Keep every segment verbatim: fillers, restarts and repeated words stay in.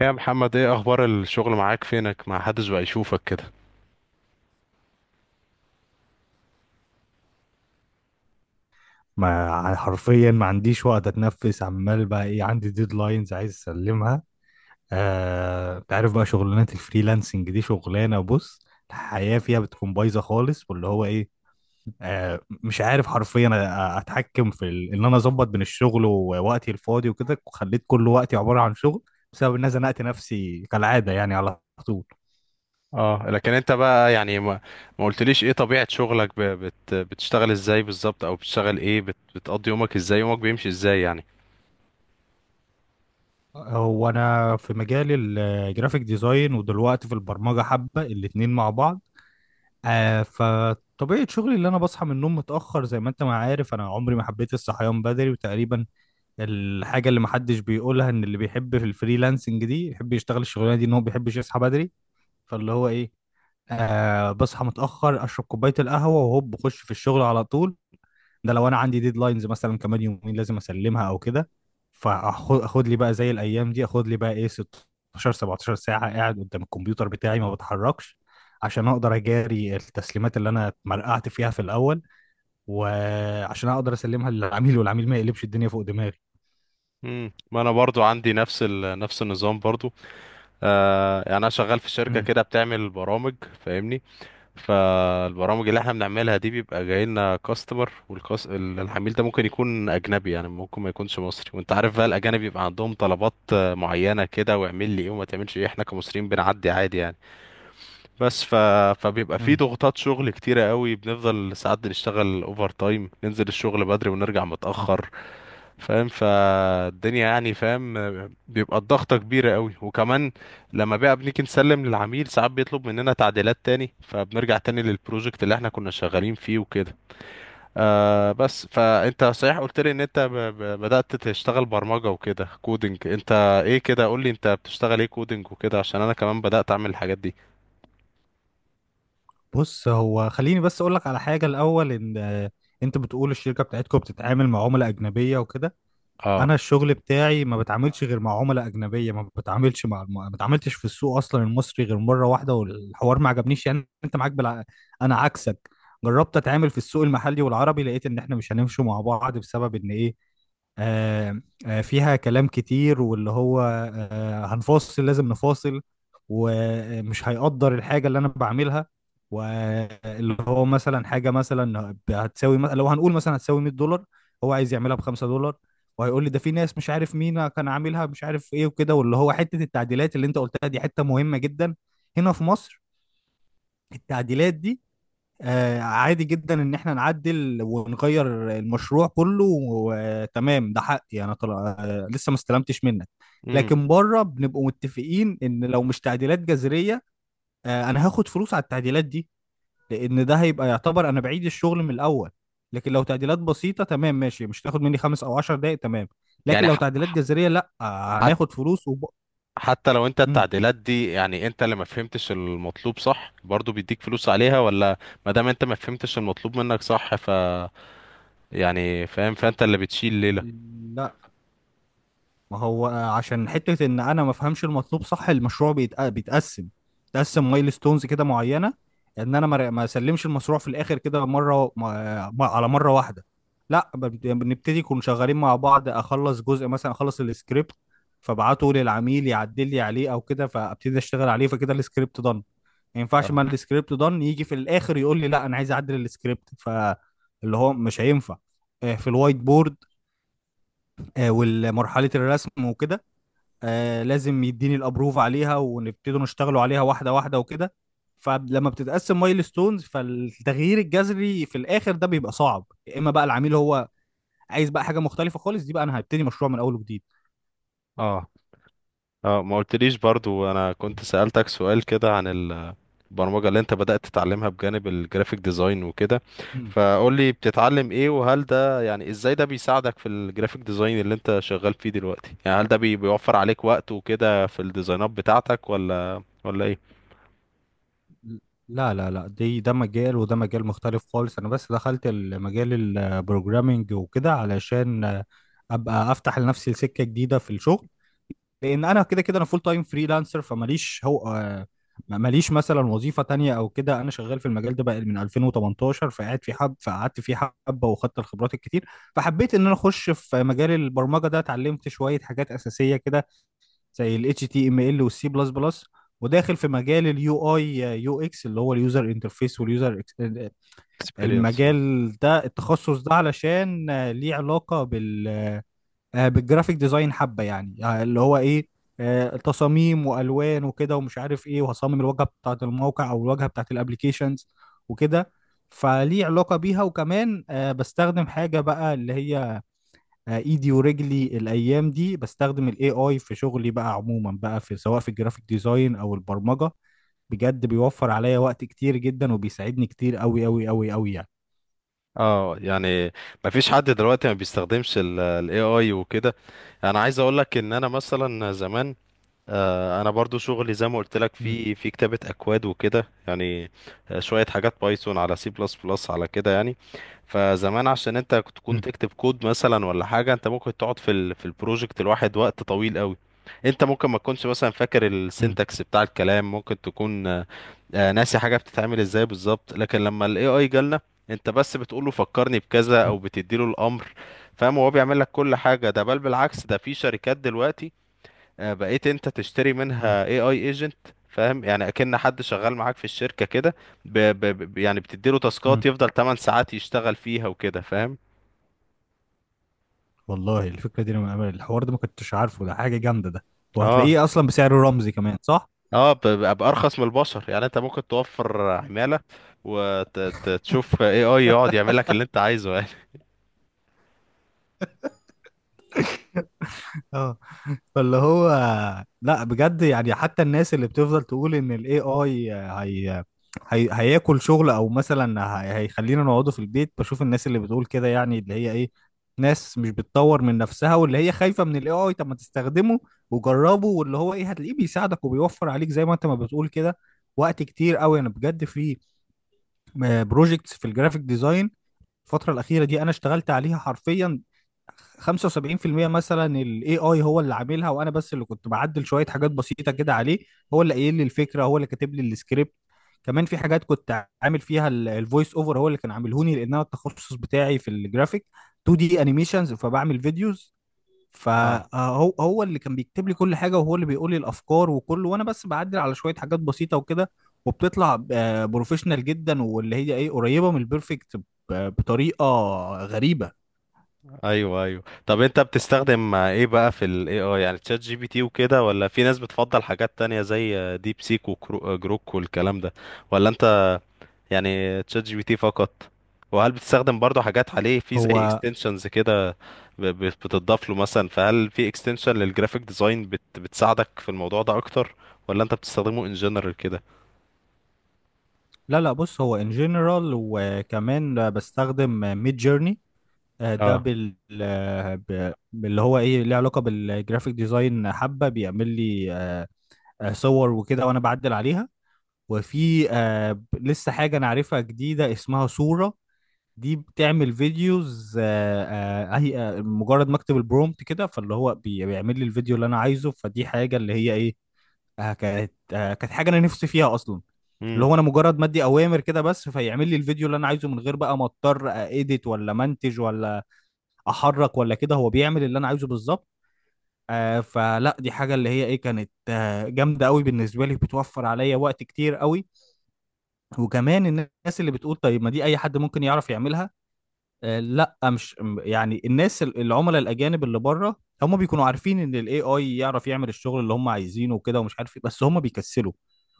ايه يا محمد، ايه اخبار الشغل معاك؟ فينك؟ ما حدش بقى يشوفك كده. ما ع- حرفيا ما عنديش وقت اتنفس. عمال بقى ايه، عندي ديدلاينز عايز اسلمها. آه انت عارف بقى شغلانات الفريلانسنج دي شغلانه. بص، الحياه فيها بتكون بايظه خالص، واللي هو ايه. آه مش عارف حرفيا أ- أ- اتحكم في ال... ان انا اظبط بين الشغل ووقتي الفاضي وكده، وخليت كل وقتي عباره عن شغل، بسبب ان انا زنقت نفسي كالعاده يعني على طول. اه، لكن انت بقى يعني ما, ما قلتليش ايه طبيعة شغلك؟ ب... بت... بتشتغل ازاي بالظبط؟ او بتشتغل ايه؟ بت... بتقضي يومك ازاي؟ يومك بيمشي ازاي يعني؟ هو انا في مجال الجرافيك ديزاين، ودلوقتي في البرمجه حبه، الاتنين مع بعض. آه فطبيعة شغلي اللي أنا بصحى من النوم متأخر، زي ما أنت ما عارف أنا عمري ما حبيت الصحيان بدري، وتقريبا الحاجة اللي محدش بيقولها إن اللي بيحب في الفريلانسنج دي يحب يشتغل الشغلانة دي إن هو بيحبش يصحى بدري. فاللي هو إيه، آه بصحى متأخر أشرب كوباية القهوة وهوب بخش في الشغل على طول. ده لو انا عندي ديدلاينز مثلا كمان يومين لازم اسلمها او كده. فاخد اخد لي بقى زي الايام دي اخد لي بقى ايه ستة عشر سبعتاشر ساعه قاعد قدام الكمبيوتر بتاعي ما بتحركش، عشان اقدر اجاري التسليمات اللي انا مرقعت فيها في الاول، وعشان اقدر اسلمها للعميل والعميل ما يقلبش الدنيا فوق دماغي. امم ما انا برضو عندي نفس ال... نفس النظام برضو. آه يعني انا شغال في شركة مم. كده بتعمل برامج. فاهمني؟ فالبرامج اللي احنا بنعملها دي بيبقى جاي لنا كاستمر، والكاس ال- العميل ده ممكن يكون اجنبي، يعني ممكن ما يكونش مصري. وانت عارف بقى الاجانب بيبقى عندهم طلبات آه، معينه كده، واعمل لي ايه وما تعملش ايه. احنا كمصريين بنعدي عادي يعني. بس ف... فبيبقى في مم. ضغوطات شغل كتيره قوي، بنفضل ساعات بنشتغل اوفر تايم، ننزل الشغل بدري ونرجع متاخر. فاهم؟ فالدنيا يعني فاهم. بيبقى الضغطة كبيرة قوي، وكمان لما بقى بنيجي نسلم للعميل ساعات بيطلب مننا تعديلات تاني، فبنرجع تاني للبروجكت اللي احنا كنا شغالين فيه وكده. آه بس، فانت صحيح قلت لي ان انت ب ب بدأت تشتغل برمجة وكده، كودينج. انت ايه كده؟ قول لي انت بتشتغل ايه كودينج وكده، عشان انا كمان بدأت اعمل الحاجات دي. بص، هو خليني بس اقول لك على حاجه الاول. ان آه، انت بتقول الشركه بتاعتكم بتتعامل مع عملاء اجنبيه وكده. اه. انا الشغل بتاعي ما بتعاملش غير مع عملاء اجنبيه، ما بتعاملش مع، ما بتعاملتش في السوق اصلا المصري غير مره واحده، والحوار ما عجبنيش يعني. انت معاك بالع... انا عكسك. جربت اتعامل في السوق المحلي والعربي، لقيت ان احنا مش هنمشي مع بعض بسبب ان ايه. آه آه فيها كلام كتير، واللي هو آه هنفاصل، لازم نفاصل. ومش هيقدر الحاجة اللي أنا بعملها، واللي هو مثلا حاجة مثلا هتساوي، لو هنقول مثلا هتساوي مائة دولار، هو عايز يعملها ب خمسة دولار. وهيقول لي ده في ناس مش عارف مين كان عاملها، مش عارف ايه وكده. واللي هو حته التعديلات اللي انت قلتها دي، حته مهمه جدا. هنا في مصر التعديلات دي آه عادي جدا ان احنا نعدل ونغير المشروع كله وتمام، ده حقي انا طلع، آه لسه ما استلمتش منك. امم. لكن بره بنبقوا متفقين ان لو مش تعديلات جذريه، آه انا هاخد فلوس على التعديلات دي، لان ده هيبقى يعتبر انا بعيد الشغل من الاول. لكن لو تعديلات بسيطه تمام ماشي، مش تاخد مني خمس او عشر دقايق تمام. لكن يعني لو ح تعديلات جذريه لا، آه، ح هناخد فلوس. وب... حتى لو انت مم. التعديلات دي يعني انت اللي ما فهمتش المطلوب صح، برضو بيديك فلوس عليها ولا؟ ما دام انت ما فهمتش المطلوب منك صح، ف يعني فاهم، فانت اللي بتشيل ليلة. لا، ما هو عشان حتة ان انا ما افهمش المطلوب صح، المشروع بيتق- بيتقسم. بيتقسم مايل ستونز كده معينة، ان انا ما ما اسلمش المشروع في الاخر كده مرة ما- ما- على مرة واحدة. لا، ب- بنبتدي نكون شغالين مع بعض، اخلص جزء مثلا، اخلص السكريبت فابعته للعميل يعدل لي عليه او كده، فابتدي اشتغل عليه. فكده السكريبت دان، ما ينفعش، اه. ما السكريبت دان يجي في الاخر يقول لي لا انا عايز اعدل السكريبت. فاللي هو مش هينفع. آه، في الوايت بورد، آه، والمرحلة الرسم وكده، آه لازم يديني الابروف عليها، ونبتدوا نشتغلوا عليها واحده واحده وكده. فلما بتتقسم مايل ستونز، فالتغيير الجذري في الاخر ده بيبقى صعب، يا اما بقى العميل هو عايز بقى حاجه مختلفه خالص، دي بقى انا هبتدي مشروع من اول وجديد. اه. اه، ما قلتليش برضو، انا كنت سألتك سؤال كده عن البرمجة اللي انت بدأت تتعلمها بجانب الجرافيك ديزاين وكده. مم. فقول لي بتتعلم ايه؟ وهل ده يعني ازاي ده بيساعدك في الجرافيك ديزاين اللي انت شغال فيه دلوقتي؟ يعني هل ده بي- بيوفر عليك وقت وكده في الديزاينات بتاعتك؟ ولا ولا ايه؟ لا لا لا، دي ده مجال وده مجال مختلف خالص. انا بس دخلت المجال البروجرامينج وكده علشان آه، ابقى افتح لنفسي سكة جديدة في الشغل، لان انا كده كده انا فول تايم فريلانسر فماليش هو، آه، ما- ماليش مثلا وظيفه تانية او كده. انا شغال في المجال ده بقى من الفين وتمنتاشر، فقعد في حب فقعدت فيه حبه، واخدت الخبرات الكتير. فحبيت ان انا اخش في مجال البرمجه ده، اتعلمت شويه حاجات اساسيه كده زي ال اتش تي ام ال وال C++، وداخل في مجال اليو اي، يو اكس اللي هو اليوزر انترفيس واليوزر. experience. المجال ده التخصص ده علشان آه، ليه علاقه بال آه، بالجرافيك ديزاين حبه يعني، آه، اللي هو ايه، آه، تصاميم والوان وكده ومش عارف ايه، وهصمم الواجهه بتاعه الموقع او الواجهه بتاعه الابليكيشنز وكده. فليه علاقه بيها. وكمان آه، بستخدم حاجه بقى اللي هي آه، ايدي ورجلي الايام دي، بستخدم الاي اي في شغلي بقى عموما بقى، في سواء في الجرافيك ديزاين او البرمجه. بجد بيوفر عليا وقت كتير جدا، وبيساعدني كتير قوي قوي قوي قوي يعني. اه يعني ما فيش حد دلوقتي ما بيستخدمش ال ال A I وكده. انا عايز اقول لك ان انا مثلا زمان، آه، انا برضو شغلي زي ما قلت لك مم، في في كتابة اكواد وكده يعني. آه، شوية حاجات بايثون على سي بلس بلس على كده يعني. فزمان عشان انت تكون مم، تكتب كود مثلا ولا حاجة، انت ممكن تقعد في ال في البروجكت الواحد وقت طويل قوي. انت ممكن ما تكونش مثلا فاكر مم، السنتكس بتاع الكلام، ممكن تكون آه، ناسي حاجه بتتعمل ازاي بالظبط. لكن لما الاي اي جالنا، انت بس بتقول له فكرني بكذا او بتديله الامر، فاهم، هو بيعمل لك كل حاجه. ده بل بالعكس، ده في شركات دلوقتي آه، بقيت انت تشتري مم، منها اي اي ايجنت. فاهم يعني؟ اكن حد شغال معاك في الشركه كده. ب... ب... ب- يعني بتديله مم، تاسكات يفضل تمانية ساعات يشتغل فيها وكده. فاهم؟ والله الفكرة دي أنا أنا الحوار ده ما كنتش عارفه. ده حاجة جامدة ده، اه. وهتلاقيه أصلا بسعر رمزي كمان، صح؟ اه، ب- ب- بارخص من البشر، يعني انت ممكن توفر عماله، وتشوف اي اي يقعد يعمل لك اللي انت عايزه يعني. اه، فاللي هو، لا بجد يعني، حتى الناس اللي بتفضل تقول إن ال اي اي هي... هي... هياكل شغل، أو مثلا هي... هيخلينا نقعده في البيت. بشوف الناس اللي بتقول كده يعني، اللي هي إيه، ناس مش بتطور من نفسها واللي هي خايفة من ال اي اي. طب ما تستخدمه وجربه، واللي هو إيه، هتلاقيه بيساعدك وبيوفر عليك زي ما أنت ما بتقول كده وقت كتير قوي. انا بجد في بروجكتس في الجرافيك ديزاين الفترة الأخيرة دي، أنا اشتغلت عليها حرفيا خمسه وسبعين في المية مثلا، ال اي اي هو اللي عاملها، وأنا بس اللي كنت بعدل شوية حاجات بسيطة كده عليه. هو اللي قايل لي الفكرة، هو اللي كاتب لي السكريبت. كمان في حاجات كنت عامل فيها الفويس اوفر هو اللي كان عاملهوني، لأن أنا التخصص بتاعي في الجرافيك تو دي انيميشنز، فبعمل فيديوز. اه. فهو هو اللي كان بيكتب لي كل حاجه، وهو اللي بيقول لي الافكار وكله، وانا بس بعدل على شويه حاجات بسيطه وكده. وبتطلع آه، بروفيشنال جدا، واللي هي ايه، قريبه من البيرفكت ب- بطريقه غريبه. ايوه ايوه، طب انت بتستخدم ايه بقى في الاي اي؟ يعني تشات جي بي تي وكده؟ ولا في ناس بتفضل حاجات تانية زي ديب سيك وجروك والكلام ده؟ ولا انت يعني تشات جي بي تي فقط؟ وهل بتستخدم برضو حاجات عليه في زي هو اكستنشنز كده ب- ب- بتضاف له مثلا؟ فهل في اكستنشن للجرافيك ديزاين بت بتساعدك في الموضوع ده اكتر؟ ولا انت بتستخدمه ان جنرال كده؟ لا لا، بص، هو ان جنرال. وكمان بستخدم ميد جيرني، ده اه. بال، آه، ب- باللي هو ايه، ليه علاقه بالجرافيك ديزاين حبه، بيعمل لي آه، آه، صور وكده وانا بعدل عليها. وفي آه، ب- لسه حاجه انا عارفها جديده اسمها صوره دي، بتعمل فيديوز. آه، آه، هي آه، مجرد ما اكتب البرومت كده، فاللي هو بي- بيعمل لي الفيديو اللي انا عايزه. فدي حاجه اللي هي ايه، آه، كانت، آه، كانت حاجه انا نفسي فيها اصلا. اللي امم. هو، انا مجرد ما ادي اوامر كده بس، فيعمل لي الفيديو اللي انا عايزه، من غير بقى ما اضطر اديت ولا منتج ولا احرك ولا كده، هو بيعمل اللي انا عايزه بالظبط. آه فلا، دي حاجه اللي هي ايه، كانت آه جامده قوي بالنسبه لي، بتوفر عليا وقت كتير قوي. وكمان الناس اللي بتقول طيب ما دي اي حد ممكن يعرف يعملها، آه، لا مش م- يعني الناس ال- العملاء الاجانب اللي بره، هم بيكونوا عارفين ان الاي اي يعرف يعمل الشغل اللي هم عايزينه وكده ومش عارف ايه، بس هم بيكسلوا.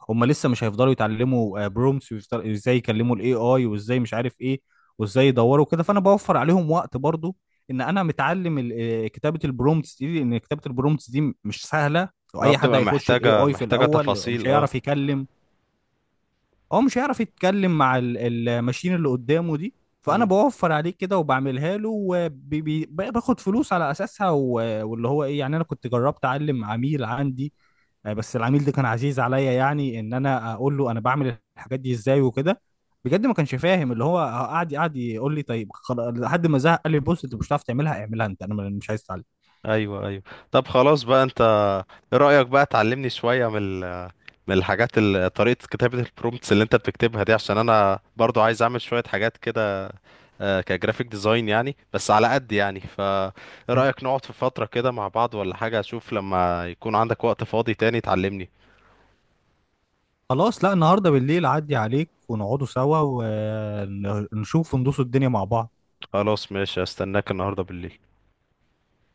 هم لسه مش هيفضلوا يتعلموا برومتس وازاي يكلموا الاي اي وازاي مش عارف ايه وازاي يدوروا كده، فانا بوفر عليهم وقت برضو، ان انا متعلم ال- آه، كتابة البرومتس دي. لان كتابة البرومتس دي م- مش سهلة، اه واي حد بتبقى هيخش الاي محتاجة اي في محتاجة الاول تفاصيل، مش اه. هيعرف يكلم. هو مش هيعرف يتكلم مع ال- الماشين اللي قدامه دي، فانا بوفر عليه كده وبعملها له وباخد فلوس على اساسها. و- واللي هو ايه يعني، انا كنت جربت اعلم عميل عندي، آه، بس العميل ده كان عزيز عليا، يعني ان انا اقول له انا بعمل الحاجات دي ازاي وكده، بجد ما كانش فاهم اللي هو، آه، قعد قعد يقول لي طيب خلاص لحد ما زهق، قال لي بص انت مش هتعرف تعملها، اعملها انت، انا مش عايز اتعلم. ايوه ايوه، طب خلاص بقى انت، ايه رأيك بقى تعلمني شوية من ال- من الحاجات ال- طريقة كتابة البرومتس اللي انت بتكتبها دي؟ عشان انا برضو عايز اعمل شوية حاجات كده آه، كجرافيك ديزاين يعني، بس على قد يعني. فايه رأيك نقعد في فترة كده مع بعض ولا حاجة؟ اشوف لما يكون عندك وقت فاضي تاني تعلمني. خلاص، لا، النهارده بالليل عدي عليك ونقعدوا سوا، ونشوف وندوس الدنيا مع بعض. خلاص، ماشي، استناك النهاردة بالليل.